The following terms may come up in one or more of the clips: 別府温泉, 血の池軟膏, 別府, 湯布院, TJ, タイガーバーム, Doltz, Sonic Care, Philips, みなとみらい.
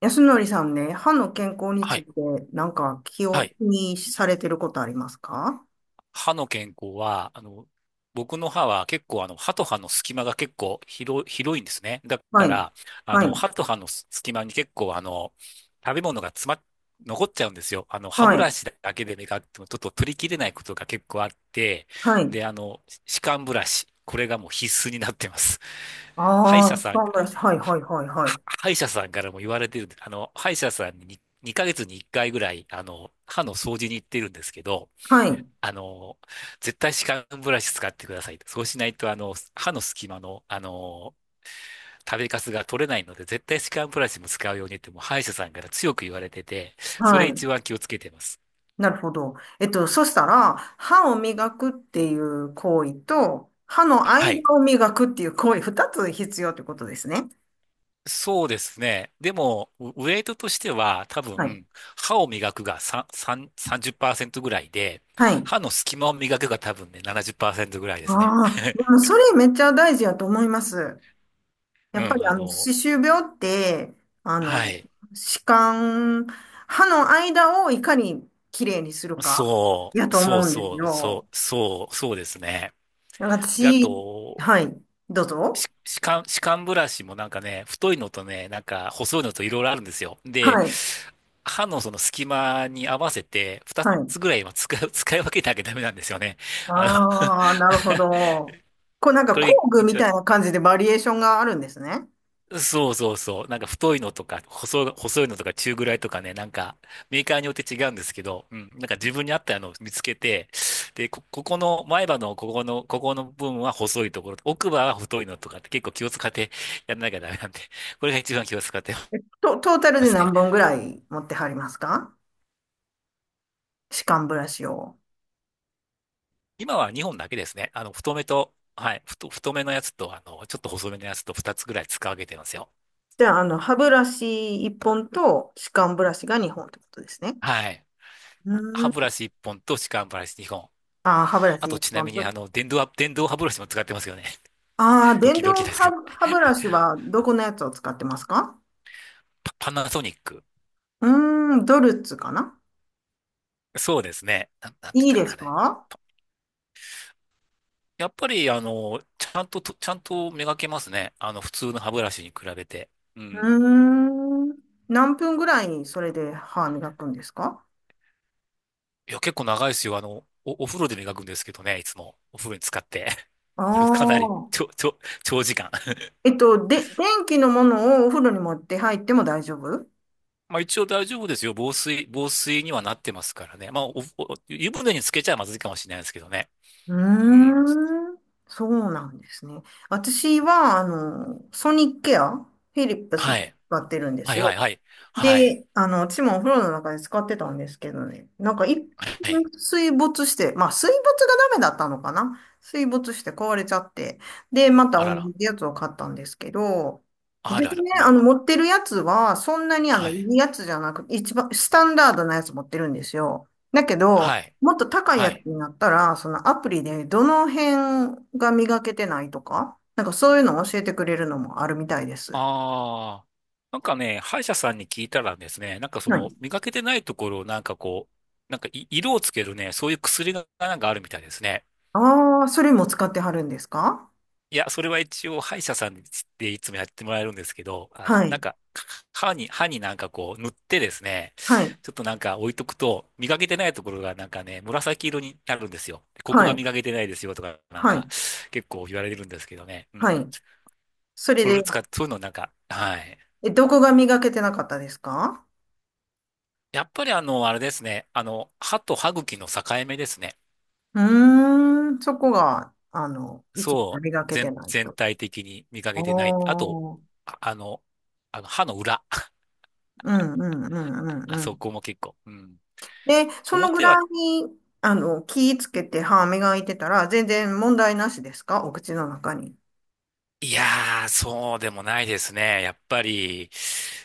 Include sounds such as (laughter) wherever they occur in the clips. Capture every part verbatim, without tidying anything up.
安則さんね、歯の健康につはいい。て、なんか気はをい。気にされてることありますか？歯の健康は、あの、僕の歯は結構、あの、歯と歯の隙間が結構広い、広いんですね。だはかい。ら、あはの、い。歯と歯の隙間に結構、あの、食べ物が詰まっ、残っちゃうんですよ。あの、歯はブラい。シだけで磨いてもちょっと取りきれないことが結構あって、はい。で、あの、歯間ブラシ、これがもう必須になってます。歯医あ者あ、さん、歯ブラシ。はい、ははい、はい、はい。は歯医者さんからも言われてるんで、あの、歯医者さんにに、二ヶ月にいっかいぐらい、あの、歯の掃除に行ってるんですけど、はい。あの、絶対歯間ブラシ使ってくださいと。そうしないと、あの、歯の隙間の、あの、食べかすが取れないので、絶対歯間ブラシも使うようにって、もう歯医者さんから強く言われてて、そはれい。一番気をつけてます。なるほど。えっと、そしたら、歯を磨くっていう行為と、歯の間はい。を磨くっていう行為、二つ必要ってことですね。そうですね。でも、ウウェイトとしては、多はい。分、歯を磨くがさん、さんさんじゅっパーセンぜろぐらいで、はい。歯の隙間を磨くが多分ね、ななじゅっパーセントぐらいですね。ああ、(laughs) でもそれめっちゃ大事やと思います。うやっぱん、りああの、の、歯周病って、あはの、い。歯間、歯の間をいかにきれいにするか、そやう、とそう思うんですそう、よ。そう、そう、そうですね。なんかで、あ私、と、はい、どうぞ。し歯間、歯間ブラシもなんかね、太いのとね、なんか細いのといろいろあるんですよ。はで、い、歯のその隙間に合わせて、二はい。つぐらいは使い、(laughs) 使い分けなきゃダメなんですよね。あの ああ、(laughs) なるほど。こうなんかこれ工具一み番 たいな (laughs) 感じでバリエーションがあるんですね。そうそうそう。なんか太いのとか、細い、細いのとか中ぐらいとかね、なんかメーカーによって違うんですけど、うん。なんか自分に合ったのを見つけて、で、こ、ここの、前歯のここの、ここの部分は細いところ、奥歯は太いのとかって結構気を使ってやんなきゃダメなんで、これが一番気を使ってえと、トータルまです何ね。本ぐらい持ってはりますか？歯間ブラシを。今はにほんだけですね。あの、太めと、はい、太、太めのやつと、あの、ちょっと細めのやつとふたつぐらい使い分けてますよ。じゃあ、あの、歯ブラシいっぽんと歯間ブラシがにほんってことですね。はい。歯う、ブラシいっぽんと歯間ブラシにほん。ああ、歯ブラあシと一ちなみ本と。にあの、電動は電動歯ブラシも使ってますよね。ああ、ド電キ動ドキで歯、すけど、歯ブラシはどこのやつを使ってますか？パパナソニック。うーん、ドルツかな。そうですね。な、なんて言っいいたかでな、すあれ。か？やっぱり、あの、ちゃんとと、ちゃんと磨けますね。あの、普通の歯ブラシに比べて。うん。うーん、何分ぐらいそれで歯磨くんですか？いや、結構長いですよ。あの、お、お風呂で磨くんですけどね、いつも。お風呂に使って。あ (laughs) かなり、あちょ、ー。ちょ、長時間。(laughs) えっと、で、電気のものをお風呂に持って入っても大丈夫？うまあ一応大丈夫ですよ。防水、防水にはなってますからね。まあ、お、お湯船につけちゃまずいかもしれないですけどね。ーうん。ん、そうなんですね。私は、あの、ソニックケア、フィリップスのはい。使ってるんではすいよ。はいはい。はい。で、あの、私もお風呂の中で使ってたんですけどね。なんか一回はい。水没して、まあ水没がダメだったのかな、水没して壊れちゃって。で、またあ同らら。じやつを買ったんですけど、あですらら。ね、あの、ま持ってるやつは、そんなにあ、あの、はいい。いやつじゃなく、一番、スタンダードなやつ持ってるんですよ。だけはど、い。もっと高いはやつい。になったら、そのアプリでどの辺が磨けてないとか、なんかそういうのを教えてくれるのもあるみたいです。ああ。なんかね、歯医者さんに聞いたらですね、なんかそはの、い。磨けてないところをなんかこう、なんかい色をつけるね、そういう薬がなんかあるみたいですね。ああ、それも使ってはるんですか？いや、それは一応歯医者さんでいつもやってもらえるんですけど、あはの、なんい。か、歯に、歯になんかこう塗ってですね、はい。ちょっとなんか置いとくと、磨けてないところがなんかね、紫色になるんですよ。ここはがい。磨けてないですよとか、なんはか、い。結構言われるんですけどね。うん。はい。それそれで、を使って、そういうのなんか、はい。え、どこが磨けてなかったですか？やっぱりあの、あれですね。あの、歯と歯茎の境目ですね。うーん、そこが、あの、一番そ磨う、けて全、ない全と。体的に見かけてない。あと、おー。あ、あの、あの歯の裏。(laughs) うんうんうんうあんうそん。こも結構。うん。で、そのぐ表らは、いに、あの、気つけて歯磨いてたら、全然問題なしですか？お口の中に。いやー、そうでもないですね。やっぱり、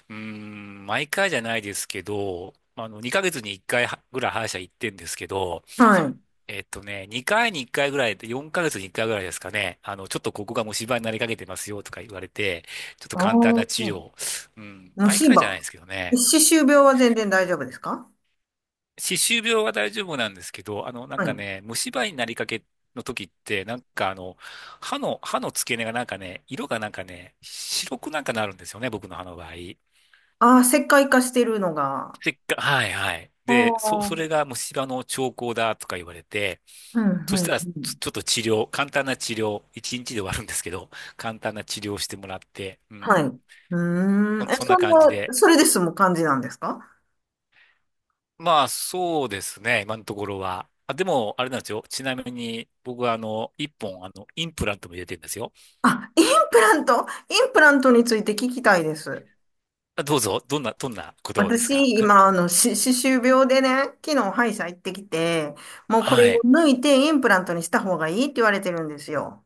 うーん、毎回じゃないですけど、あの、にかげつにいっかいはぐらい歯医者行ってんですけど、はい。えっとね、にかいにいっかいぐらいで、よんかげつにいっかいぐらいですかね、あの、ちょっとここが虫歯になりかけてますよとか言われて、ちょっとあ簡単な治あ、療。うん、虫毎回じゃない歯。ですけどね。歯周病は全然大丈夫ですか？歯周病は大丈夫なんですけど、あの、なんはかい。ね、虫歯になりかけの時って、なんかあの、歯の、歯の付け根がなんかね、色がなんかね、白くなんかなるんですよね、僕の歯の場合。ああ、石灰化してるのが。せっか、はいはい。あで、そ、あ、そうん、れが虫歯の兆候だとか言われて、うん、そしうたら、ちょん。ちょっと治療、簡単な治療、いちにちで終わるんですけど、簡単な治療をしてもらって、うはい。ん。うーん。そ、え、そんそなん感じな、で。それですむ感じなんですか？まあ、そうですね、今のところは。あ、でも、あれなんですよ。ちなみに、僕は、あの、いっぽん、あの、インプラントも入れてるんですよ。あ、インプラント、インプラントについて聞きたいです。あ、どうぞ、どんな、どんなことですか？ 私、(laughs) 今、あの、し、歯周病でね、昨日歯医者行ってきて、もうこれはをい。抜いてインプラントにした方がいいって言われてるんですよ。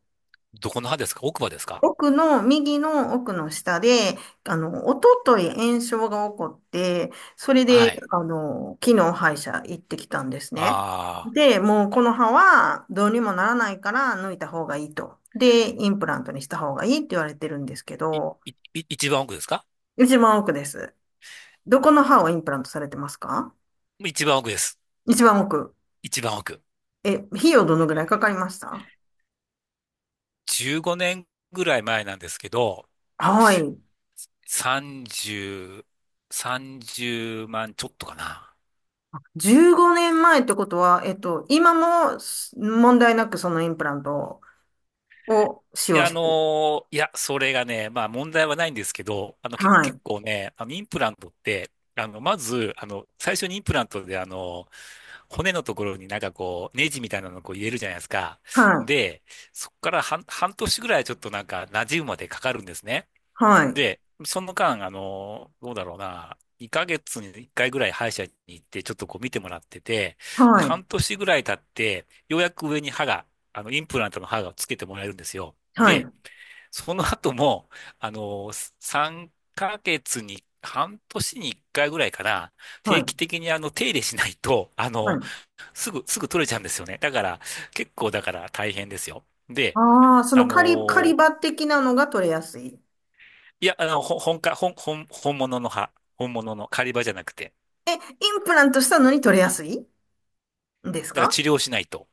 どこの歯ですか？奥歯ですか？奥の、右の奥の下で、あの、おととい炎症が起こって、それはで、い。あの、昨日歯医者行ってきたんですね。ああ、で、もうこの歯はどうにもならないから抜いた方がいいと。で、インプラントにした方がいいって言われてるんですけい、ど、い、い一番奥ですか？一番奥です。どこの歯をインプラントされてますか？一番奥です。一番奥。一番奥。え、費用どのぐらいかかりました？じゅうごねんぐらい前なんですけど、はい。さんじゅう、さんじゅうまんちょっとかな。じゅうごねんまえってことは、えっと、今も問題なくそのインプラントを使い用や、あしのてる。ーいや、それがね、まあ問題はないんですけど、あの、け、は結い。構ね、あの、インプラントって、あの、まず、あの、最初にインプラントで、あの、骨のところになんかこう、ネジみたいなのをこう入れるじゃないですか。はい。で、そこから半、半年ぐらいちょっとなんか、馴染むまでかかるんですね。はい。で、その間、あの、どうだろうな、にかげつにいっかいぐらい歯医者に行って、ちょっとこう見てもらってて、で、はい。半年ぐらい経って、ようやく上に歯が、あの、インプラントの歯がつけてもらえるんですよ。はで、い。その後も、あの、さんかげつに、半年にいっかいぐらいかな、は定い。期的にあの、手入れしないと、あはの、い。すぐ、すぐ取れちゃうんですよね。だから、結構だから大変ですよ。で、ああ、そあの狩り、狩りの場的なのが取れやすい。イいや、あの、ほ本か、本、本、本物の歯。本物の狩り場じゃなくて。ンプラントしたのに取れやすいんですだからか？治療しないと。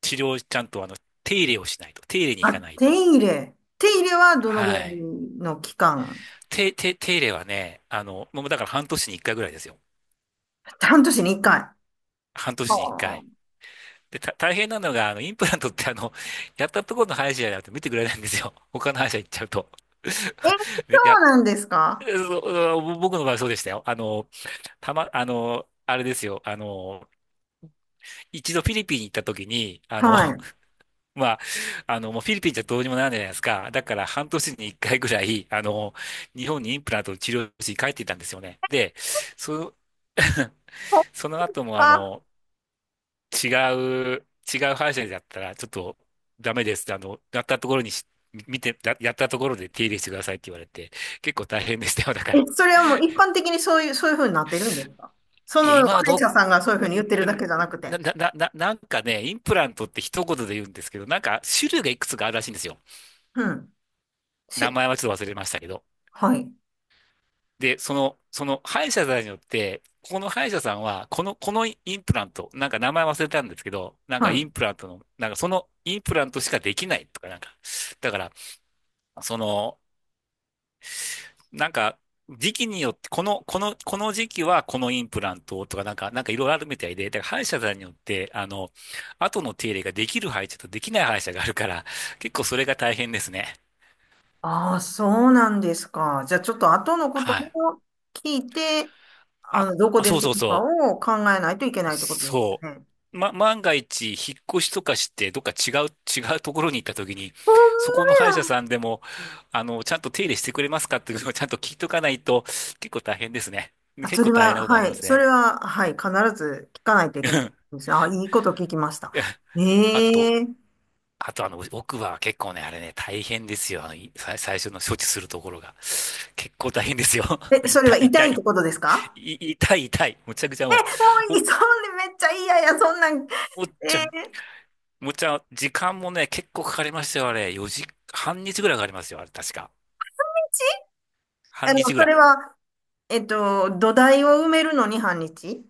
治療ちゃんとあの、手入れをしないと。手入れに行あ、かない手と。入れ。手入れはどのぐらはいい。の期間？手、手、手入れはね、あの、もうだから半年に一回ぐらいですよ。半年に一回。あ半年に一あ。回。で、た、大変なのが、あの、インプラントってあの、やったところの歯医者じゃなくて見てくれないんですよ。他の歯医者行っちゃうと。え、そ (laughs) でうや、なんですか？そう僕の場合そうでしたよ。あの、たま、あの、あれですよ。あの、いちどフィリピンに行った時に、あの、はい。まあ、あの、もうフィリピンじゃどうにもならないじゃないですか。だから半年に一回ぐらい、あの、日本にインプラントの治療室に帰っていたんですよね。で、そ、(laughs) そっその後もあか。の、違う、違う歯医者だったら、ちょっとダメですって、あの、やったところにし、見て、ややったところで手入れしてくださいって言われて、結構大変でしたよ。だかえ、ら、それはもう一般的にそういう、そういうふうになってるんですか？そいのや、歯今は医ど者さんがそういうう、ふうな、に言ってるだけじゃなくて。な、な、な、ななんかね、インプラントってひとことで言うんですけど、なんか種類がいくつかあるらしいんですよ。うん。名し、前はちょっと忘れましたけど。はい。で、その、その歯医者さんによって、ここの歯医者さんは、この、このインプラント、なんか名前忘れたんですけど、なんはかイい。ンプラントの、なんかそのインプラントしかできないとか、なんか、だから、その、なんか、時期によって、この、この、この時期はこのインプラントとか、なんか、なんかいろいろあるみたいで、だから歯医者さんによって、あの、後の手入れができる歯医者とできない歯医者があるから、結構それが大変ですね。ああ、そうなんですか。じゃあちょっと後のことはい。を聞いて、ああ、の、どこあでそうすそうるかそう。を考えないといけないってことですそよね。う。ま、万が一、引っ越しとかして、どっか違う、違うところに行った時に、ほんまそこの歯医者さや。んでも、あの、ちゃんと手入れしてくれますかっていうのをちゃんと聞いとかないと、結構大変ですね。あ、結そ構れ大変なは、ことになはりまい。すそね。れは、はい。必ず聞かないとい (laughs) けなういん、ですね。あ、いいこと聞きました。いや、あと、え、え、あとあの、奥歯は結構ね、あれね、大変ですよ。あの、い最最初の処置するところが。結構大変ですよ。(laughs) え、それ痛はい、痛痛いっい、てことですか？ い痛い、痛い。むちゃくちゃも (laughs) え、う、もういお、い。(laughs) そんでめっちゃ嫌や、そんなん。おっえ、ちゃんえ、むっちゃ、時間もね、結構かかりましたよ、あれ。よじ、半日ぐらいかかりますよ、あれ、確か。あ半の、日ぐそられい。は、えっと、土台を埋めるのに半日？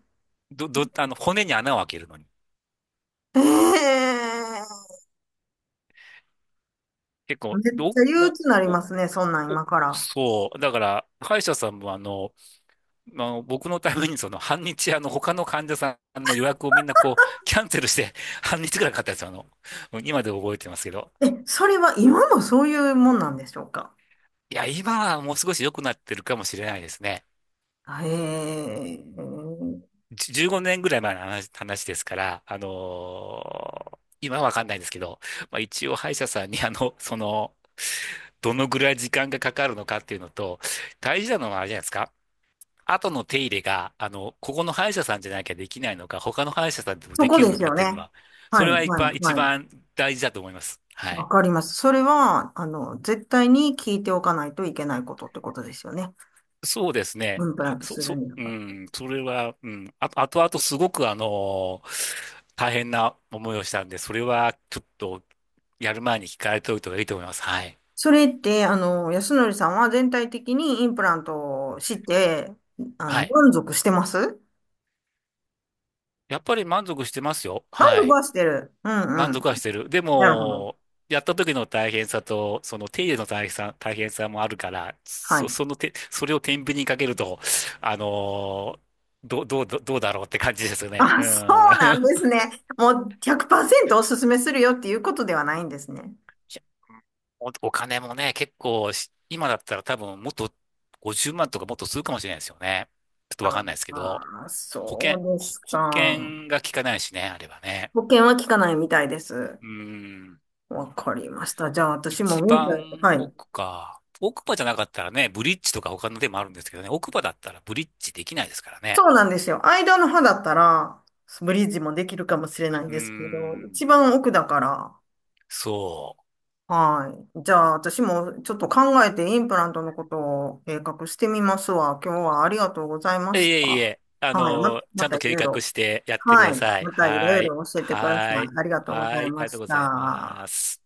ど、ど、あの、骨に穴を開けるのに。え、え、結め構、っど、ちゃ憂な、鬱になりお、ますね、そんなんお、今から。そう。だから、歯医者さんもあの、まあ、僕のためにその、半日、あの、他の患者さんの予約をみんなこう、キャンセルして、(laughs) 半日ぐらいかかったやつ、あの、今で覚えてますけど。え、それは今もそういうもんなんでしょうか？いや、今はもう少し良くなってるかもしれないですね。へえ、じゅじゅうごねんぐらい前の話、話ですから、あのー今はわかんないんですけど、まあ、一応歯医者さんにあの、その、どのぐらい時間がかかるのかっていうのと、大事なのはあれじゃないですか。後の手入れが、あの、ここの歯医者さんじゃなきゃできないのか、他の歯医者さんでもそでこきるでのすかっよていうのね。は、そはれい、は一は番、い、一はい。番大事だと思います。はわい。かります。それは、あの、絶対に聞いておかないといけないことってことですよね。そうですイね。ンプラはントそ、するそ、にうは。ん、それは、うん、あ、あとあとすごくあのー大変な思いをしたんで、それはちょっとやる前に聞かれておいた方がいいと思います。はい。それって、あの、安則さんは全体的にインプラントをして、あはの、い。満足してます？やっぱり満足してますよ。満は足い。はしてる。うんう満ん。足はしてる。でなるほど。も、やった時の大変さと、その手入れの大変さ、大変さもあるから、はそ、い。その手、それを天秤にかけると、あのーど、どう、どうどうだろうって感じですよね。あ、うそん。うなんです (laughs) ね。もうひゃくパーセントおすすめするよっていうことではないんですね。いや、お、お金もね、結構し、今だったら多分もっとごじゅうまんとかもっとするかもしれないですよね。ちょっとわかんないですけど、ああ、保そ険、うでほす保か。険が効かないしね、あればね。保険は効かないみたいです。うーん、わかりました。じゃあ私も一民法、番はい。奥か。奥歯じゃなかったらね、ブリッジとか他のでもあるんですけどね、奥歯だったらブリッジできないですからね。そうなんですよ。間の歯だったら、ブリッジもできるかもしれないんうーですけど、ん、一番奥だから、そはい。じゃあ私もちょっと考えてインプラントのことを計画してみますわ。今日はありがとうございまう。いしえいた。え、あはい。ま、の、ちまゃんたとい計ろいろ。画してやってくはだい。さい。またいろはいい。ろ教えてくださはい。い。ありがとうごはざい。いありまがとうしございた。ます。